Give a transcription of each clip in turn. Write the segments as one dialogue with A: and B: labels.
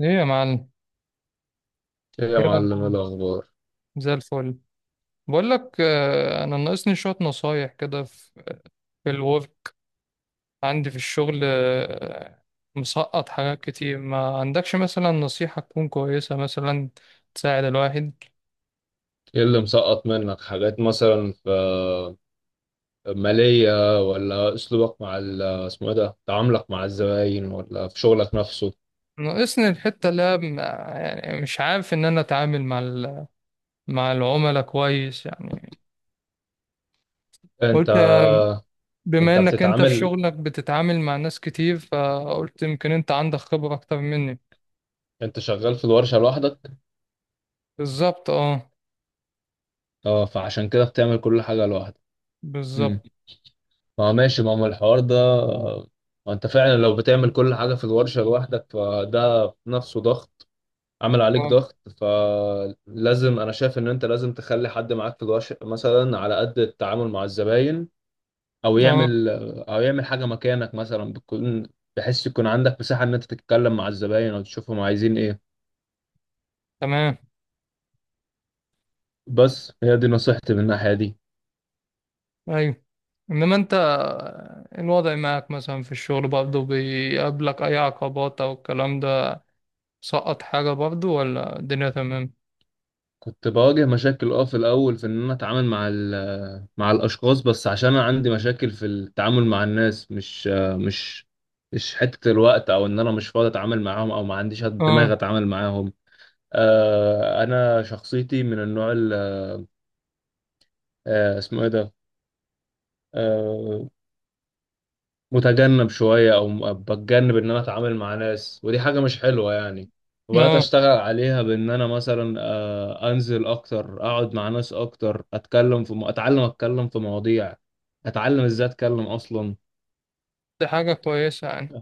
A: ايه يا معلم،
B: ايه يا
A: ايه
B: معلم، ايه
A: الاخبار؟
B: الاخبار؟
A: زي الفل. بقول لك، انا ناقصني شويه نصايح كده في الورك، عندي في الشغل. مسقط حاجات كتير. ما عندكش مثلا نصيحه تكون كويسه مثلا تساعد الواحد؟
B: ايه اللي مسقط منك حاجات مثلا في مالية ولا اسلوبك مع اسمه ايه ده، تعاملك مع الزباين ولا في شغلك نفسه؟
A: ناقصني الحته اللي هي يعني مش عارف ان انا اتعامل مع مع العملاء كويس يعني.
B: انت
A: قلت بما
B: انت
A: انك انت في
B: بتتعامل،
A: شغلك بتتعامل مع ناس كتير، فقلت يمكن انت عندك خبره اكتر مني.
B: انت شغال في الورشة لوحدك؟
A: بالظبط. اه،
B: اه، فعشان كده بتعمل كل حاجة لوحدك. امم
A: بالظبط.
B: ما ماشي، ما هو الحوار ده. ما انت فعلا لو بتعمل كل حاجة في الورشة لوحدك فده نفسه ضغط، عمل عليك
A: آه.
B: ضغط، فلازم، انا شايف ان انت لازم تخلي حد معاك في الورشة مثلا على قد التعامل مع الزباين، او
A: اه،
B: يعمل او يعمل حاجة مكانك مثلا، بتكون بحيث يكون عندك مساحة ان انت تتكلم مع الزباين او تشوفهم عايزين ايه.
A: تمام.
B: بس هي دي نصيحتي من الناحية دي.
A: ايوه. انما انت الوضع معك مثلا في الشغل برضه بيقابلك اي عقبات او الكلام ده؟ سقط حاجة برضه ولا الدنيا تمام؟
B: كنت بواجه مشاكل اه في الاول في ان انا اتعامل مع مع الاشخاص، بس عشان انا عندي مشاكل في التعامل مع الناس، مش مش حتة الوقت او ان انا مش فاضي اتعامل معاهم او ما عنديش
A: اه،
B: دماغ اتعامل معاهم. انا شخصيتي من النوع ال- آه، اسمه ايه ده، آه، متجنب شويه، او بتجنب ان انا اتعامل مع ناس، ودي حاجه مش حلوه يعني. وبدات
A: اه،
B: اشتغل عليها بان انا مثلا انزل اكتر، اقعد مع ناس اكتر، اتكلم في اتعلم اتكلم في مواضيع، اتعلم ازاي اتكلم اصلا.
A: دي حاجة كويسة يعني،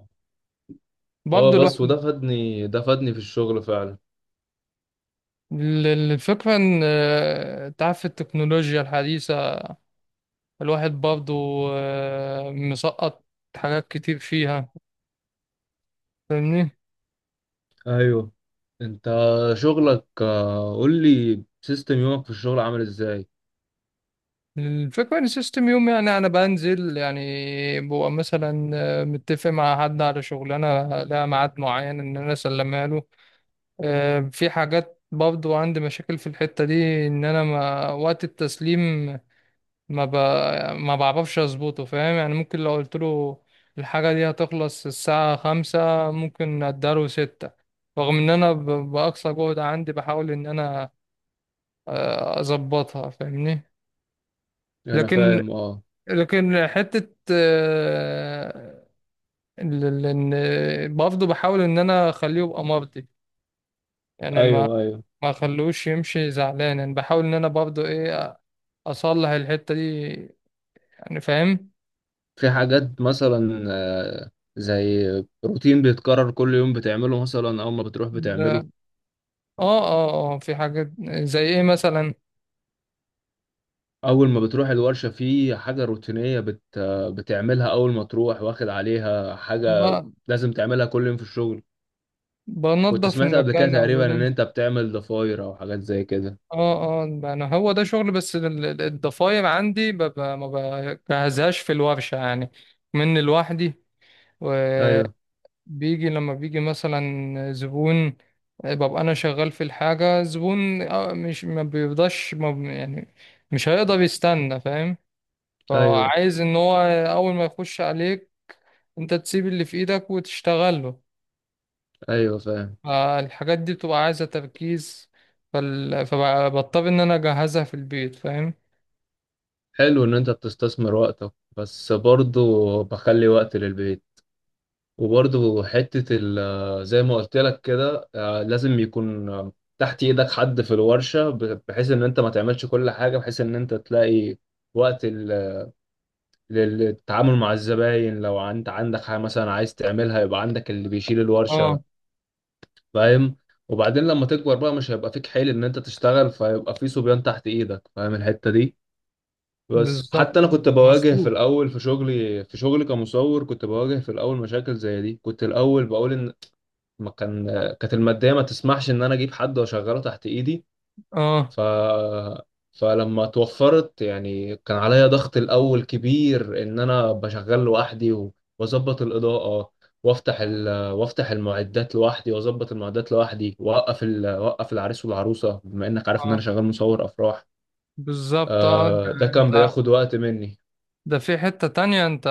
A: برضه
B: اه بس،
A: الواحد
B: وده فادني، ده فادني في الشغل فعلا.
A: الفكرة ان، انت عارف التكنولوجيا الحديثة، الواحد برضه مسقط حاجات كتير فيها، فاهمني؟
B: ايوه، انت شغلك، قول لي سيستم يومك في الشغل عامل ازاي.
A: الفكرة ان السيستم يوم يعني انا بنزل يعني، ببقى مثلا متفق مع حد على شغلانة لها ميعاد معين ان انا اسلمها له. في حاجات برضو عندي مشاكل في الحتة دي ان انا ما وقت التسليم ما ب... ما بعرفش اظبطه، فاهم يعني؟ ممكن لو قلت له الحاجة دي هتخلص الساعة 5، ممكن اداله 6، رغم ان انا بأقصى جهد عندي بحاول ان انا اظبطها، فاهمني؟
B: انا
A: لكن،
B: فاهم، اه.
A: لكن حتة إن برضه بحاول إن أنا أخليه يبقى مرضي يعني، ما
B: ايوه، ايوه.
A: ما أخلوش يمشي زعلان. يعني بحاول إن أنا برضه إيه، أصلح الحتة دي، يعني فاهم؟
B: في حاجات مثلا زي روتين بيتكرر كل يوم بتعمله مثلا اول ما بتروح بتعمله.
A: ده- آه، آه، آه، في حاجات. زي إيه مثلا؟
B: اول ما بتروح الورشة في حاجة روتينية بت آه، بتعملها اول ما تروح، واخد عليها حاجة
A: ب-
B: لازم تعملها كل يوم في الشغل. كنت
A: بنضف
B: سمعت قبل كده
A: المكان
B: تقريبا ان
A: أولا.
B: انت بتعمل ضفاير او حاجات زي كده.
A: آه، آه، يعني هو ده شغل. بس الضفاير عندي ما بجهزهاش في الورشة يعني، من لوحدي.
B: ايوه.
A: بيجي لما بيجي مثلا زبون، ببقى انا شغال في الحاجة، زبون، مش ما بيفضاش ما ب- يعني مش هيقدر يستنى، فاهم؟
B: ايوه،
A: فعايز ان هو اول ما يخش عليك انت تسيب اللي في ايدك وتشتغل له.
B: ايوه فاهم.
A: فالحاجات دي بتبقى عايزة تركيز، فبضطر ان انا اجهزها في البيت، فاهم؟
B: حلو ان انت بتستثمر وقتك، بس برضه بخلي وقت للبيت. وبرضه حتة زي ما قلت لك كده، لازم يكون، تحت ايدك حد في الورشة، بحيث ان انت ما تعملش كل حاجة، بحيث ان انت تلاقي وقت للتعامل مع الزباين، لو انت عندك حاجة مثلا عايز تعملها يبقى عندك اللي بيشيل
A: اه،
B: الورشة. فاهم؟ وبعدين لما تكبر بقى، مش هيبقى فيك حيل ان انت تشتغل، فيبقى في صبيان تحت ايدك. فاهم الحتة دي؟ بس حتى
A: بالظبط.
B: انا كنت بواجه في
A: مظبوط.
B: الاول في شغلي، في شغلي، كمصور كنت بواجه في الاول مشاكل زي دي. كنت الاول بقول ان ما كان، كانت الماديه ما تسمحش ان انا اجيب حد واشغله تحت ايدي.
A: اه،
B: ف فلما توفرت يعني، كان عليا ضغط الاول كبير ان انا بشغل لوحدي واظبط الاضاءه، وافتح المعدات لوحدي، واظبط المعدات لوحدي، واوقف العريس والعروسه، بما انك عارف ان انا
A: اه،
B: شغال مصور افراح.
A: بالظبط. اه،
B: آه، ده
A: يعني
B: كان
A: انت
B: بياخد وقت مني.
A: ده في حتة تانية، انت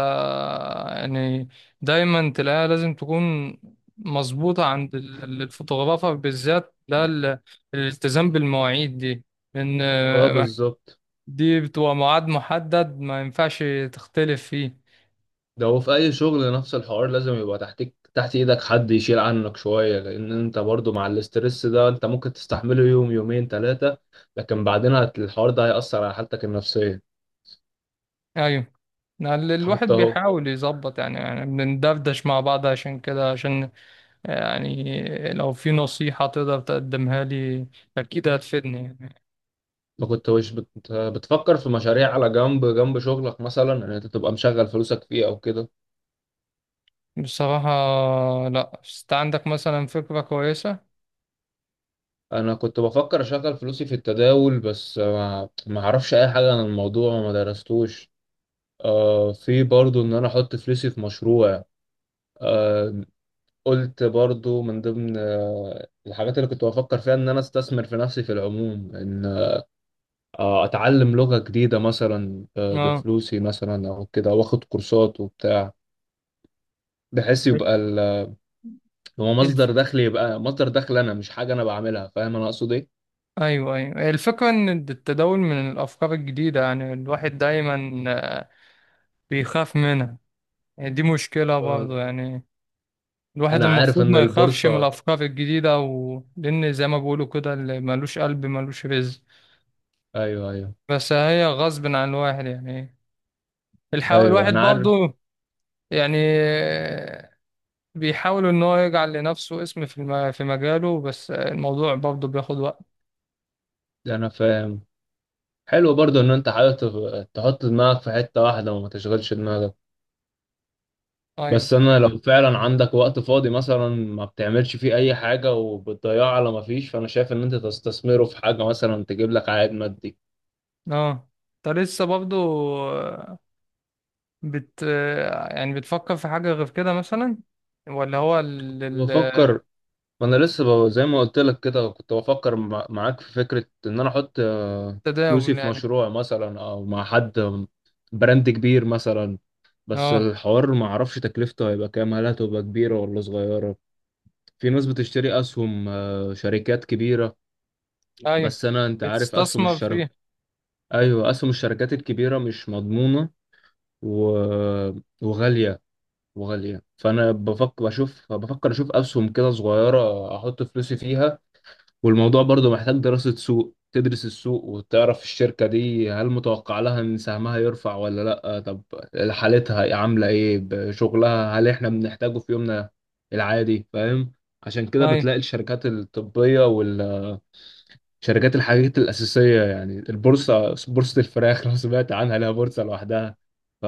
A: يعني دايما تلاقيها لازم تكون مظبوطة عند الفوتوغرافر بالذات، ده الالتزام بالمواعيد دي، لأن
B: اه بالظبط.
A: دي بتبقى ميعاد محدد ما ينفعش تختلف فيه.
B: ده هو في اي شغل نفس الحوار، لازم يبقى تحتك، تحت ايدك حد يشيل عنك شوية، لان انت برضو مع الاسترس ده انت ممكن تستحمله يوم، يومين، ثلاثة، لكن بعدين الحوار ده هيأثر على حالتك النفسية.
A: أيوة، يعني الواحد
B: حتى اهو،
A: بيحاول يظبط يعني بندردش مع بعض عشان كده. عشان يعني لو في نصيحة تقدر تقدمها لي أكيد هتفيدني يعني.
B: ما كنتوش بتفكر في مشاريع على جنب، جنب شغلك مثلا ان انت تبقى مشغل فلوسك فيه او كده؟
A: بصراحة، لأ، بس أنت عندك مثلا فكرة كويسة.
B: انا كنت بفكر اشغل فلوسي في التداول بس ما اعرفش اي حاجه عن الموضوع وما درستوش. آه في برضو ان انا احط فلوسي في مشروع. آه، قلت برضو من ضمن الحاجات اللي كنت بفكر فيها ان انا استثمر في نفسي في العموم، ان اتعلم لغة جديدة مثلا
A: اه.
B: بفلوسي مثلا او كده، واخد كورسات وبتاع، بحيث يبقى هو
A: الف...
B: مصدر دخل، يبقى مصدر دخل، انا مش حاجة انا بعملها. فاهم انا اقصد ايه؟
A: ايوه، ايوه، الفكره ان التداول من الافكار الجديده، يعني الواحد دايما بيخاف منها، يعني دي مشكله
B: آه.
A: برضه يعني. الواحد
B: انا عارف
A: المفروض
B: ان
A: ما يخافش من
B: البورصة،
A: الافكار الجديده لان زي ما بيقولوا كده، اللي ملوش قلب ملوش رزق.
B: ايوه، ايوه.
A: بس هي غصب عن الواحد يعني.
B: ايوه،
A: الواحد
B: انا عارف.
A: برضه يعني بيحاول ان هو يجعل لنفسه اسم في في مجاله، بس الموضوع برضه بياخد وقت.
B: انا فاهم. حلو برضو ان انت حابب تحط دماغك في حتة واحدة وما تشغلش دماغك.
A: ايوه،
B: بس انا لو فعلا عندك وقت فاضي مثلا ما بتعملش فيه اي حاجه وبتضيعه على ما فيش، فانا شايف ان انت تستثمره في حاجه مثلا تجيب لك عائد مادي.
A: اه، انت لسه برضه بت يعني بتفكر في حاجة غير كده مثلا، ولا هو
B: وافكر. ما انا لسه زي ما قلت لك كده، كنت بفكر معاك في فكره ان انا احط فلوسي
A: التداول
B: في
A: يعني؟
B: مشروع مثلا، او مع حد، براند كبير مثلا. بس
A: اه.
B: الحوار ما اعرفش تكلفته هيبقى كام، هل هتبقى كبيره ولا صغيره. في ناس بتشتري اسهم شركات كبيره.
A: ايوه،
B: بس انا، انت عارف اسهم
A: بتستثمر
B: الشركات،
A: فيه.
B: ايوه، اسهم الشركات الكبيره مش مضمونه و... وغاليه، وغاليه، فانا بفكر، بشوف، بفكر اشوف اسهم كده صغيره احط فلوسي فيها. والموضوع برضو محتاج دراسه سوق، تدرس السوق وتعرف الشركه دي هل متوقع لها ان سهمها يرفع ولا لا، طب حالتها عامله ايه، شغلها هل احنا بنحتاجه في يومنا العادي. فاهم؟ عشان كده
A: ايوه،
B: بتلاقي الشركات الطبيه، شركات الحاجات الأساسية، يعني البورصة، بورصة الفراخ لو سمعت عنها لها بورصة لوحدها.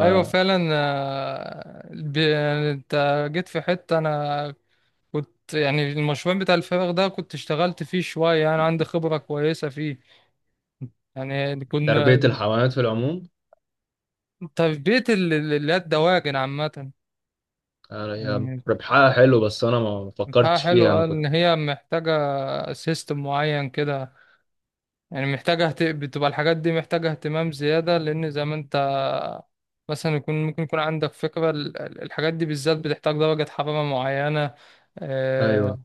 A: ايوه، فعلا، يعني انت جيت في حتة. انا كنت يعني المشروع بتاع الفراغ ده كنت اشتغلت فيه شوية، يعني عندي خبرة كويسة فيه، يعني كنا
B: فتربية الحيوانات في العموم،
A: تربية اللي هي الدواجن عامة.
B: يعني هي
A: مم.
B: ربحها حلو بس أنا ما
A: بتاعها
B: فكرتش
A: حلو،
B: فيها، أنا
A: قال
B: كنت،
A: ان هي محتاجة سيستم معين كده، يعني محتاجة بتبقى الحاجات دي محتاجة اهتمام زيادة، لأن زي ما أنت مثلا يكون ممكن يكون عندك فكرة، الحاجات دي بالذات بتحتاج درجة حرارة معينة، آه،
B: أيوه،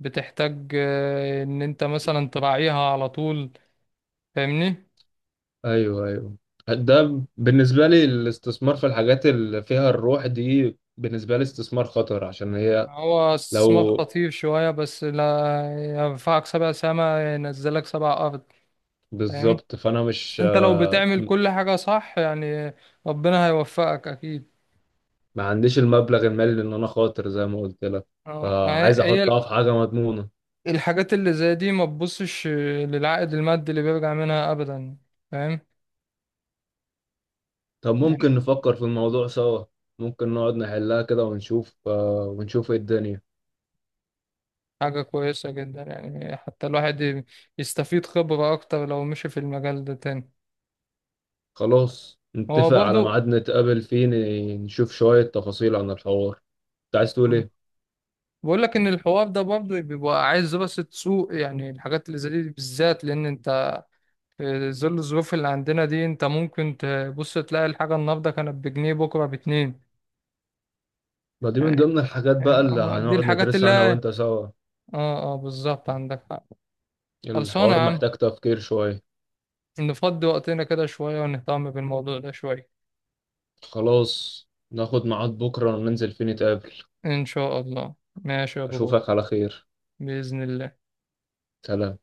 A: بتحتاج إن أنت مثلا تراعيها على طول، فاهمني؟
B: أيوه، أيوه. ده بالنسبة لي الاستثمار في الحاجات اللي فيها الروح دي بالنسبة لي استثمار خطر، عشان هي،
A: هو استثمار
B: لو،
A: خطير شوية، بس لا، يرفعك سبع سما ينزلك سبع أرض، فاهم؟
B: بالظبط. فأنا
A: بس
B: مش،
A: أنت لو بتعمل كل حاجة صح، يعني ربنا هيوفقك أكيد.
B: ما عنديش المبلغ المالي إن أنا خاطر زي ما قلت لك،
A: اه، ما
B: فعايز
A: هي
B: أحطها في حاجة مضمونة.
A: الحاجات اللي زي دي ما تبصش للعائد المادي اللي بيرجع منها ابدا، فاهم؟
B: طب
A: يعني
B: ممكن نفكر في الموضوع سوا، ممكن نقعد نحلها كده ونشوف، ونشوف ايه الدنيا.
A: حاجة كويسة جدا يعني، حتى الواحد يستفيد خبرة اكتر لو مشي في المجال ده تاني.
B: خلاص،
A: هو
B: نتفق على
A: برضو
B: ميعاد نتقابل فيه نشوف شوية تفاصيل عن الحوار. انت عايز تقول ايه؟
A: بقول لك ان الحوار ده برضو بيبقى عايز دراسة سوق، يعني الحاجات اللي زي دي بالذات، لان انت في ظل الظروف اللي عندنا دي انت ممكن تبص تلاقي الحاجة النهاردة كانت بجنيه بكرة باتنين،
B: ما دي من ضمن الحاجات بقى
A: يعني
B: اللي
A: هو دي
B: هنقعد
A: الحاجات
B: ندرسها انا
A: اللي،
B: وانت سوا.
A: اه، اه، بالظبط، عندك حق. خلصانة يا
B: الحوار
A: عم،
B: محتاج تفكير شوية.
A: نفضي وقتنا كده شوية ونهتم بالموضوع ده شوية.
B: خلاص، ناخد ميعاد بكرة وننزل فيه نتقابل.
A: إن شاء الله، ماشي يا بابا.
B: اشوفك على خير.
A: بإذن الله.
B: سلام.